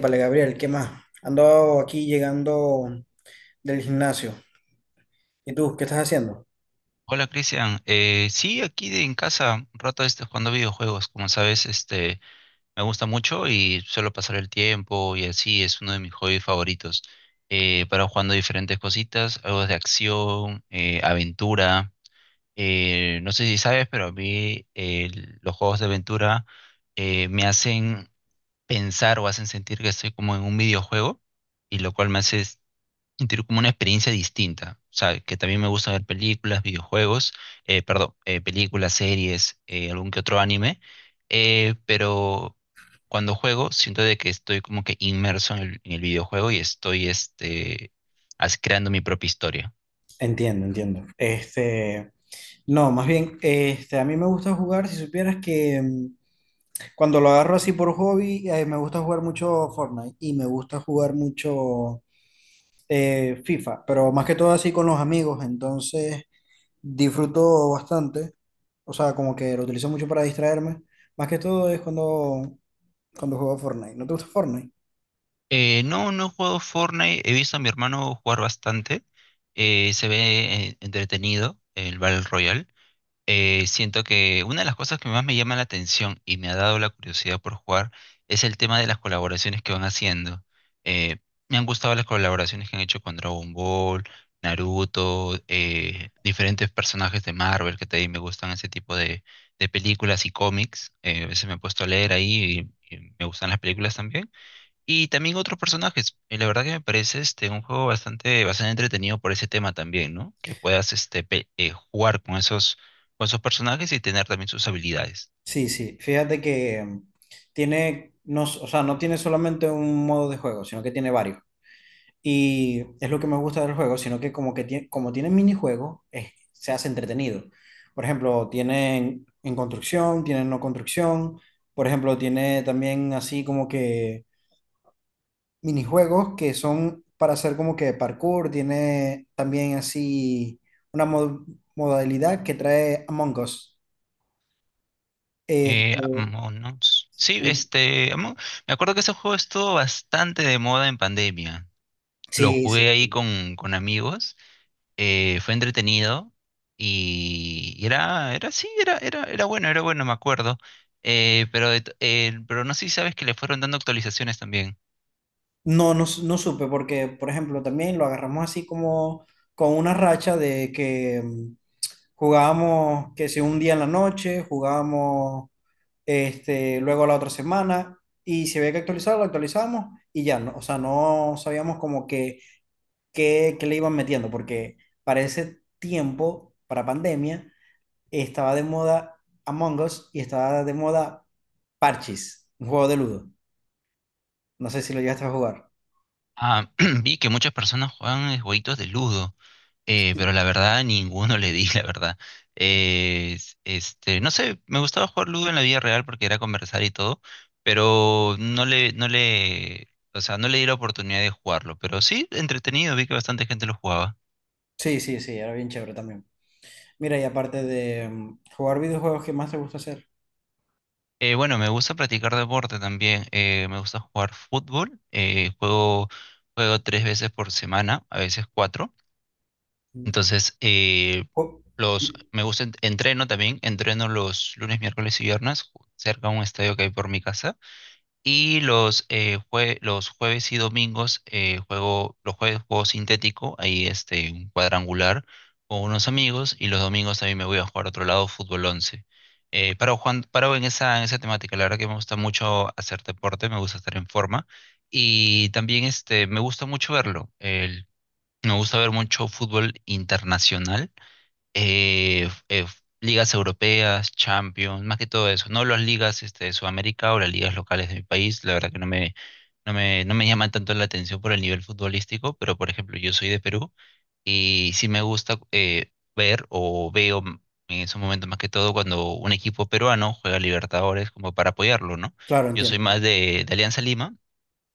Vale Gabriel, ¿qué más? Ando aquí llegando del gimnasio. ¿Y tú, qué estás haciendo? Hola Cristian, sí, aquí en casa, un rato jugando videojuegos, como sabes, me gusta mucho y suelo pasar el tiempo, y así es uno de mis hobbies favoritos. Para jugando diferentes cositas, algo de acción, aventura. No sé si sabes, pero a mí los juegos de aventura me hacen pensar o hacen sentir que estoy como en un videojuego y lo cual me hace y tener como una experiencia distinta. O sea, que también me gusta ver películas, videojuegos, perdón, películas, series, algún que otro anime, pero cuando juego siento de que estoy como que inmerso en el videojuego y estoy creando mi propia historia. Entiendo, entiendo. Este, no, más bien, este, a mí me gusta jugar, si supieras que cuando lo agarro así por hobby, me gusta jugar mucho Fortnite y me gusta jugar mucho FIFA, pero más que todo así con los amigos, entonces disfruto bastante, o sea, como que lo utilizo mucho para distraerme, más que todo es cuando juego Fortnite. ¿No te gusta Fortnite? No, no he jugado Fortnite, he visto a mi hermano jugar bastante, se ve entretenido el Battle Royale. Siento que una de las cosas que más me llama la atención y me ha dado la curiosidad por jugar es el tema de las colaboraciones que van haciendo. Eh, Me han gustado las colaboraciones que han hecho con Dragon Ball, Naruto, diferentes personajes de Marvel que también me gustan, ese tipo de películas y cómics. A veces me he puesto a leer ahí y me gustan las películas también. Y también otros personajes. Y la verdad que me parece un juego bastante, bastante entretenido por ese tema también, ¿no? Que puedas jugar con esos personajes y tener también sus habilidades. Sí, sí, fíjate que tiene, no, o sea, no tiene solamente un modo de juego, sino que tiene varios. Y es lo que me gusta del juego, sino que como que como tiene minijuegos, se hace entretenido. Por ejemplo, tienen en construcción, tienen no construcción. Por ejemplo, tiene también así como que minijuegos que son para hacer como que parkour. Tiene también así una modalidad que trae Among Us. Este, Among Us. Sí, me acuerdo que ese juego estuvo bastante de moda en pandemia. Lo sí, sí. jugué ahí Sí. con amigos, fue entretenido y sí, era bueno, era bueno, me acuerdo. Pero no sé si sabes que le fueron dando actualizaciones también. No, no, no supe, porque, por ejemplo, también lo agarramos así como con una racha de que jugábamos, que si un día en la noche, jugábamos este, luego la otra semana, y si había que actualizarlo, lo actualizábamos, y ya, no, o sea, no sabíamos como que, que le iban metiendo, porque para ese tiempo, para pandemia, estaba de moda Among Us y estaba de moda Parchis, un juego de Ludo. No sé si lo llegaste a jugar. Ah, vi que muchas personas juegan jueguitos de Ludo, pero la verdad ninguno le di, la verdad. No sé, me gustaba jugar Ludo en la vida real porque era conversar y todo, pero o sea, no le di la oportunidad de jugarlo. Pero sí, entretenido, vi que bastante gente lo jugaba. Sí, sí, sí, era bien chévere también. Mira, y aparte de jugar videojuegos, ¿qué más te gusta hacer? Bueno, me gusta practicar deporte también. Me gusta jugar fútbol. Juego, tres veces por semana, a veces cuatro. Mm. Entonces, Ju- me gusta, entreno también, entreno los lunes, miércoles y viernes, cerca de un estadio que hay por mi casa. Y los jueves y domingos juego; los jueves juego sintético, ahí un cuadrangular con unos amigos. Y los domingos también me voy a jugar a otro lado, fútbol once. Paro en esa temática. La verdad que me gusta mucho hacer deporte, me gusta estar en forma. Y también me gusta mucho verlo. Me gusta ver mucho fútbol internacional, eh, eh, ligas europeas, Champions, más que todo eso. No las ligas de Sudamérica o las ligas locales de mi país, la verdad que no me llaman tanto la atención por el nivel futbolístico. Pero por ejemplo, yo soy de Perú y sí me gusta ver en esos momentos, más que todo cuando un equipo peruano juega Libertadores, como para apoyarlo, ¿no? Claro, Yo soy entiendo. más de Alianza Lima,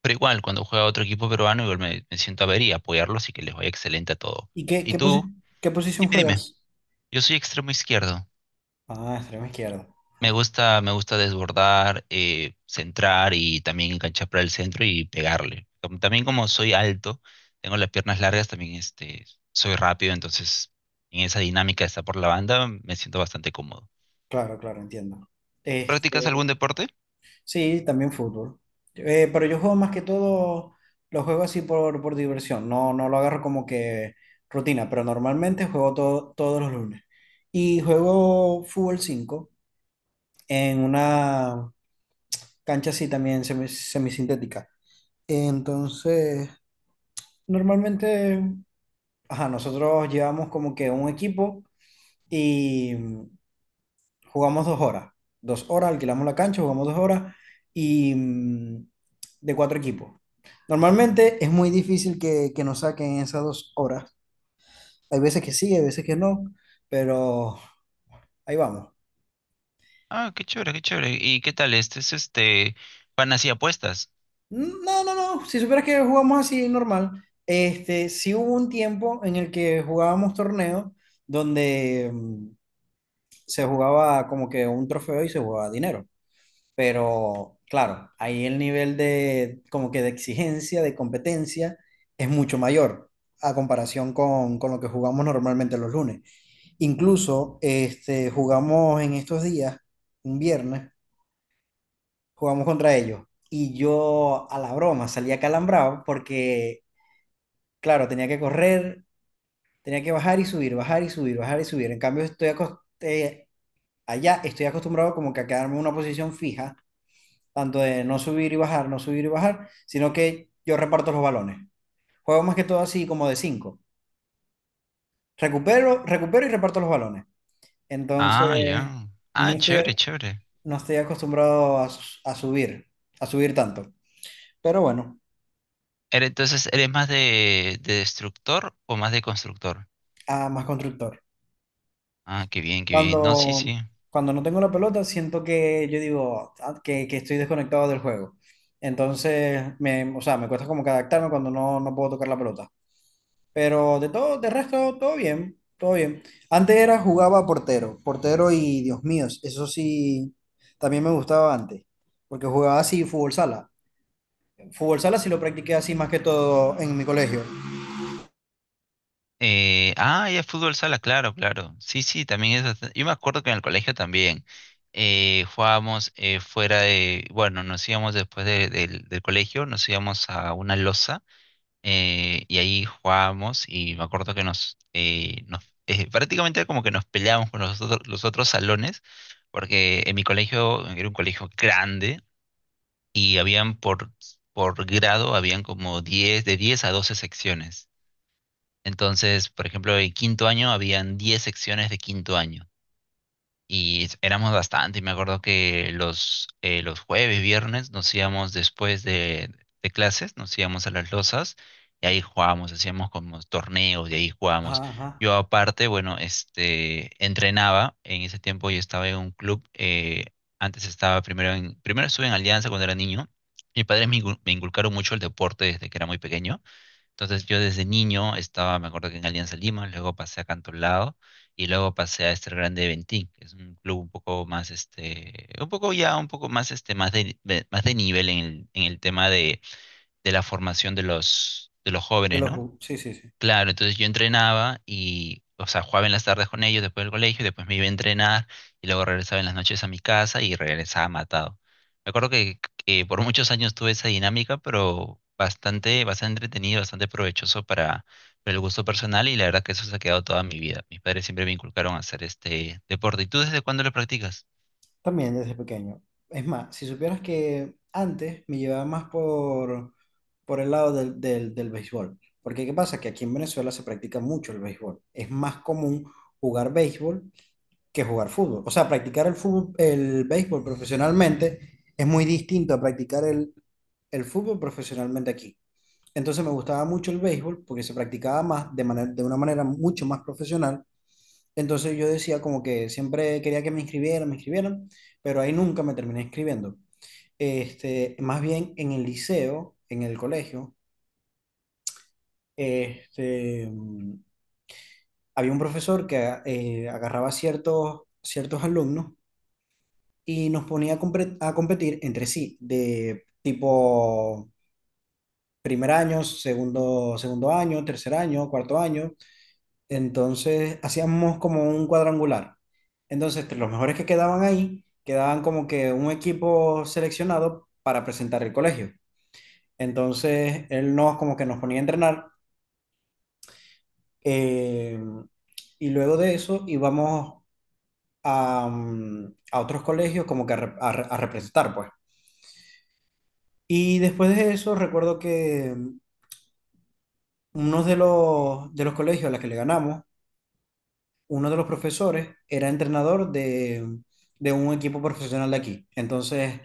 pero igual, cuando juega otro equipo peruano, igual me siento a ver y apoyarlo, así que les voy excelente a todo. ¿Y qué, ¿Y qué, tú? posi- qué posición Dime, dime. juegas? Yo soy extremo izquierdo. Ah, extremo izquierdo. Me gusta, desbordar, centrar y también enganchar para el centro y pegarle. También, como soy alto, tengo las piernas largas, también soy rápido, entonces en esa dinámica de estar por la banda me siento bastante cómodo. Claro, claro, entiendo. ¿Tú Este, practicas algún deporte? sí, también fútbol. Pero yo juego más que todo, lo juego así por diversión. No, no lo agarro como que rutina, pero normalmente juego todos los lunes. Y juego fútbol 5 en una cancha así también semisintética. Entonces, normalmente, ajá, nosotros llevamos como que un equipo y jugamos 2 horas. 2 horas, alquilamos la cancha, jugamos 2 horas y de cuatro equipos. Normalmente es muy difícil que, nos saquen esas 2 horas. Hay veces que sí, hay veces que no, pero ahí vamos. Ah, qué chévere, qué chévere. ¿Y qué tal? ¿Van así apuestas? No, no, no. Si supieras que jugamos así normal, este, sí hubo un tiempo en el que jugábamos torneos donde se jugaba como que un trofeo y se jugaba dinero. Pero claro, ahí el nivel de como que de exigencia, de competencia, es mucho mayor a comparación con lo que jugamos normalmente los lunes. Incluso este, jugamos en estos días, un viernes, jugamos contra ellos. Y yo a la broma salía calambrado porque, claro, tenía que correr, tenía que bajar y subir, bajar y subir, bajar y subir. En cambio, estoy allá estoy acostumbrado como que a quedarme en una posición fija tanto de no subir y bajar, no subir y bajar, sino que yo reparto los balones. Juego más que todo así como de cinco. Recupero, recupero y reparto los balones. Ah, Entonces, ya. no Ah, chévere, estoy, chévere. no estoy acostumbrado a subir tanto. Pero bueno, Entonces, ¿eres más de destructor o más de constructor? a más constructor. Ah, qué bien, qué bien. No, sí, Cuando, sí. cuando no tengo la pelota, siento que yo digo ah, que estoy desconectado del juego. Entonces, o sea, me cuesta como que adaptarme cuando no puedo tocar la pelota. Pero de todo, de resto, todo bien, todo bien. Antes era jugaba portero, portero y Dios mío, eso sí, también me gustaba antes, porque jugaba así fútbol sala. Fútbol sala sí lo practiqué así más que todo en mi colegio. Ah, ya, fútbol sala, claro, claro. Sí, sí, yo me acuerdo que en el colegio también jugábamos, fuera de. Bueno, nos íbamos del colegio, nos íbamos a una losa, y ahí jugábamos. Y me acuerdo que nos... nos prácticamente como que nos peleábamos con los otros salones, porque en mi colegio era un colegio grande y habían por grado, habían como 10, de 10 a 12 secciones. Entonces, por ejemplo, en quinto año habían 10 secciones de quinto año. Y éramos bastante. Y me acuerdo que los jueves, viernes, nos íbamos de clases, nos íbamos a las losas, y ahí jugábamos, hacíamos como torneos, y ahí jugábamos. Ajá, ajá. Yo aparte, bueno, entrenaba; en ese tiempo yo estaba en un club. Antes estaba primero estuve en Alianza cuando era niño. Mis padres me inculcaron mucho el deporte desde que era muy pequeño, entonces yo desde niño estaba, me acuerdo, que en Alianza Lima, luego pasé a Cantolao y luego pasé a Estel Grande de Ventín, que es un club un poco más, un poco ya, un poco más, más más de nivel en el tema de la formación de de los jóvenes, ¿no? Sí, sí, sí. Claro, entonces yo entrenaba y, o sea, jugaba en las tardes con ellos después del colegio; después me iba a entrenar y luego regresaba en las noches a mi casa, y regresaba matado. Me acuerdo que por muchos años tuve esa dinámica, pero bastante, bastante entretenido, bastante provechoso para el gusto personal, y la verdad que eso se ha quedado toda mi vida. Mis padres siempre me inculcaron a hacer este deporte. ¿Y tú desde cuándo lo practicas? También desde pequeño. Es más, si supieras que antes me llevaba más por el lado del béisbol. Porque ¿qué pasa? Que aquí en Venezuela se practica mucho el béisbol. Es más común jugar béisbol que jugar fútbol. O sea, practicar el fútbol, el béisbol profesionalmente es muy distinto a practicar el fútbol profesionalmente aquí. Entonces me gustaba mucho el béisbol porque se practicaba más de una manera mucho más profesional. Entonces yo decía como que siempre quería que me inscribieran, pero ahí nunca me terminé inscribiendo. Este, más bien en el liceo, en el colegio, este, había un profesor que agarraba ciertos alumnos y nos ponía a competir entre sí, de tipo primer año, segundo año, tercer año, cuarto año. Entonces hacíamos como un cuadrangular. Entonces, entre los mejores que quedaban ahí, quedaban como que un equipo seleccionado para presentar el colegio. Entonces, él nos como que nos ponía a entrenar eh, y luego de eso íbamos a otros colegios como que a representar, pues. Y después de eso, recuerdo que uno de los colegios a los que le ganamos, uno de los profesores era entrenador de un equipo profesional de aquí. Entonces,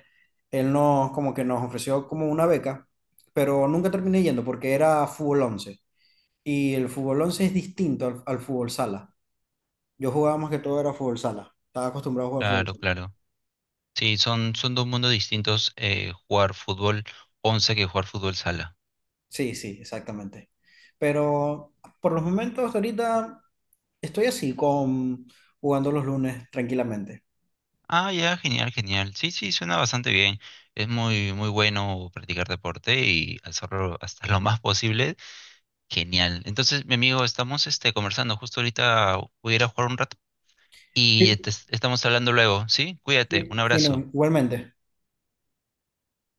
él como que nos ofreció como una beca, pero nunca terminé yendo porque era fútbol 11. Y el fútbol 11 es distinto al fútbol sala. Yo jugaba más que todo era fútbol sala. Estaba acostumbrado a jugar fútbol Claro, sala. claro. Sí, son dos mundos distintos, jugar fútbol 11 que jugar fútbol sala. Sí, sí, exactamente. Pero por los momentos, ahorita estoy así con jugando los lunes tranquilamente. Ah, ya, genial, genial. Sí, sí, suena bastante bien. Es muy, muy bueno practicar deporte y hacerlo hasta lo más posible. Genial. Entonces, mi amigo, estamos conversando. Justo ahorita voy a ir a jugar un rato Sí, estamos hablando luego, ¿sí? Cuídate, sí. un Fino, abrazo. igualmente.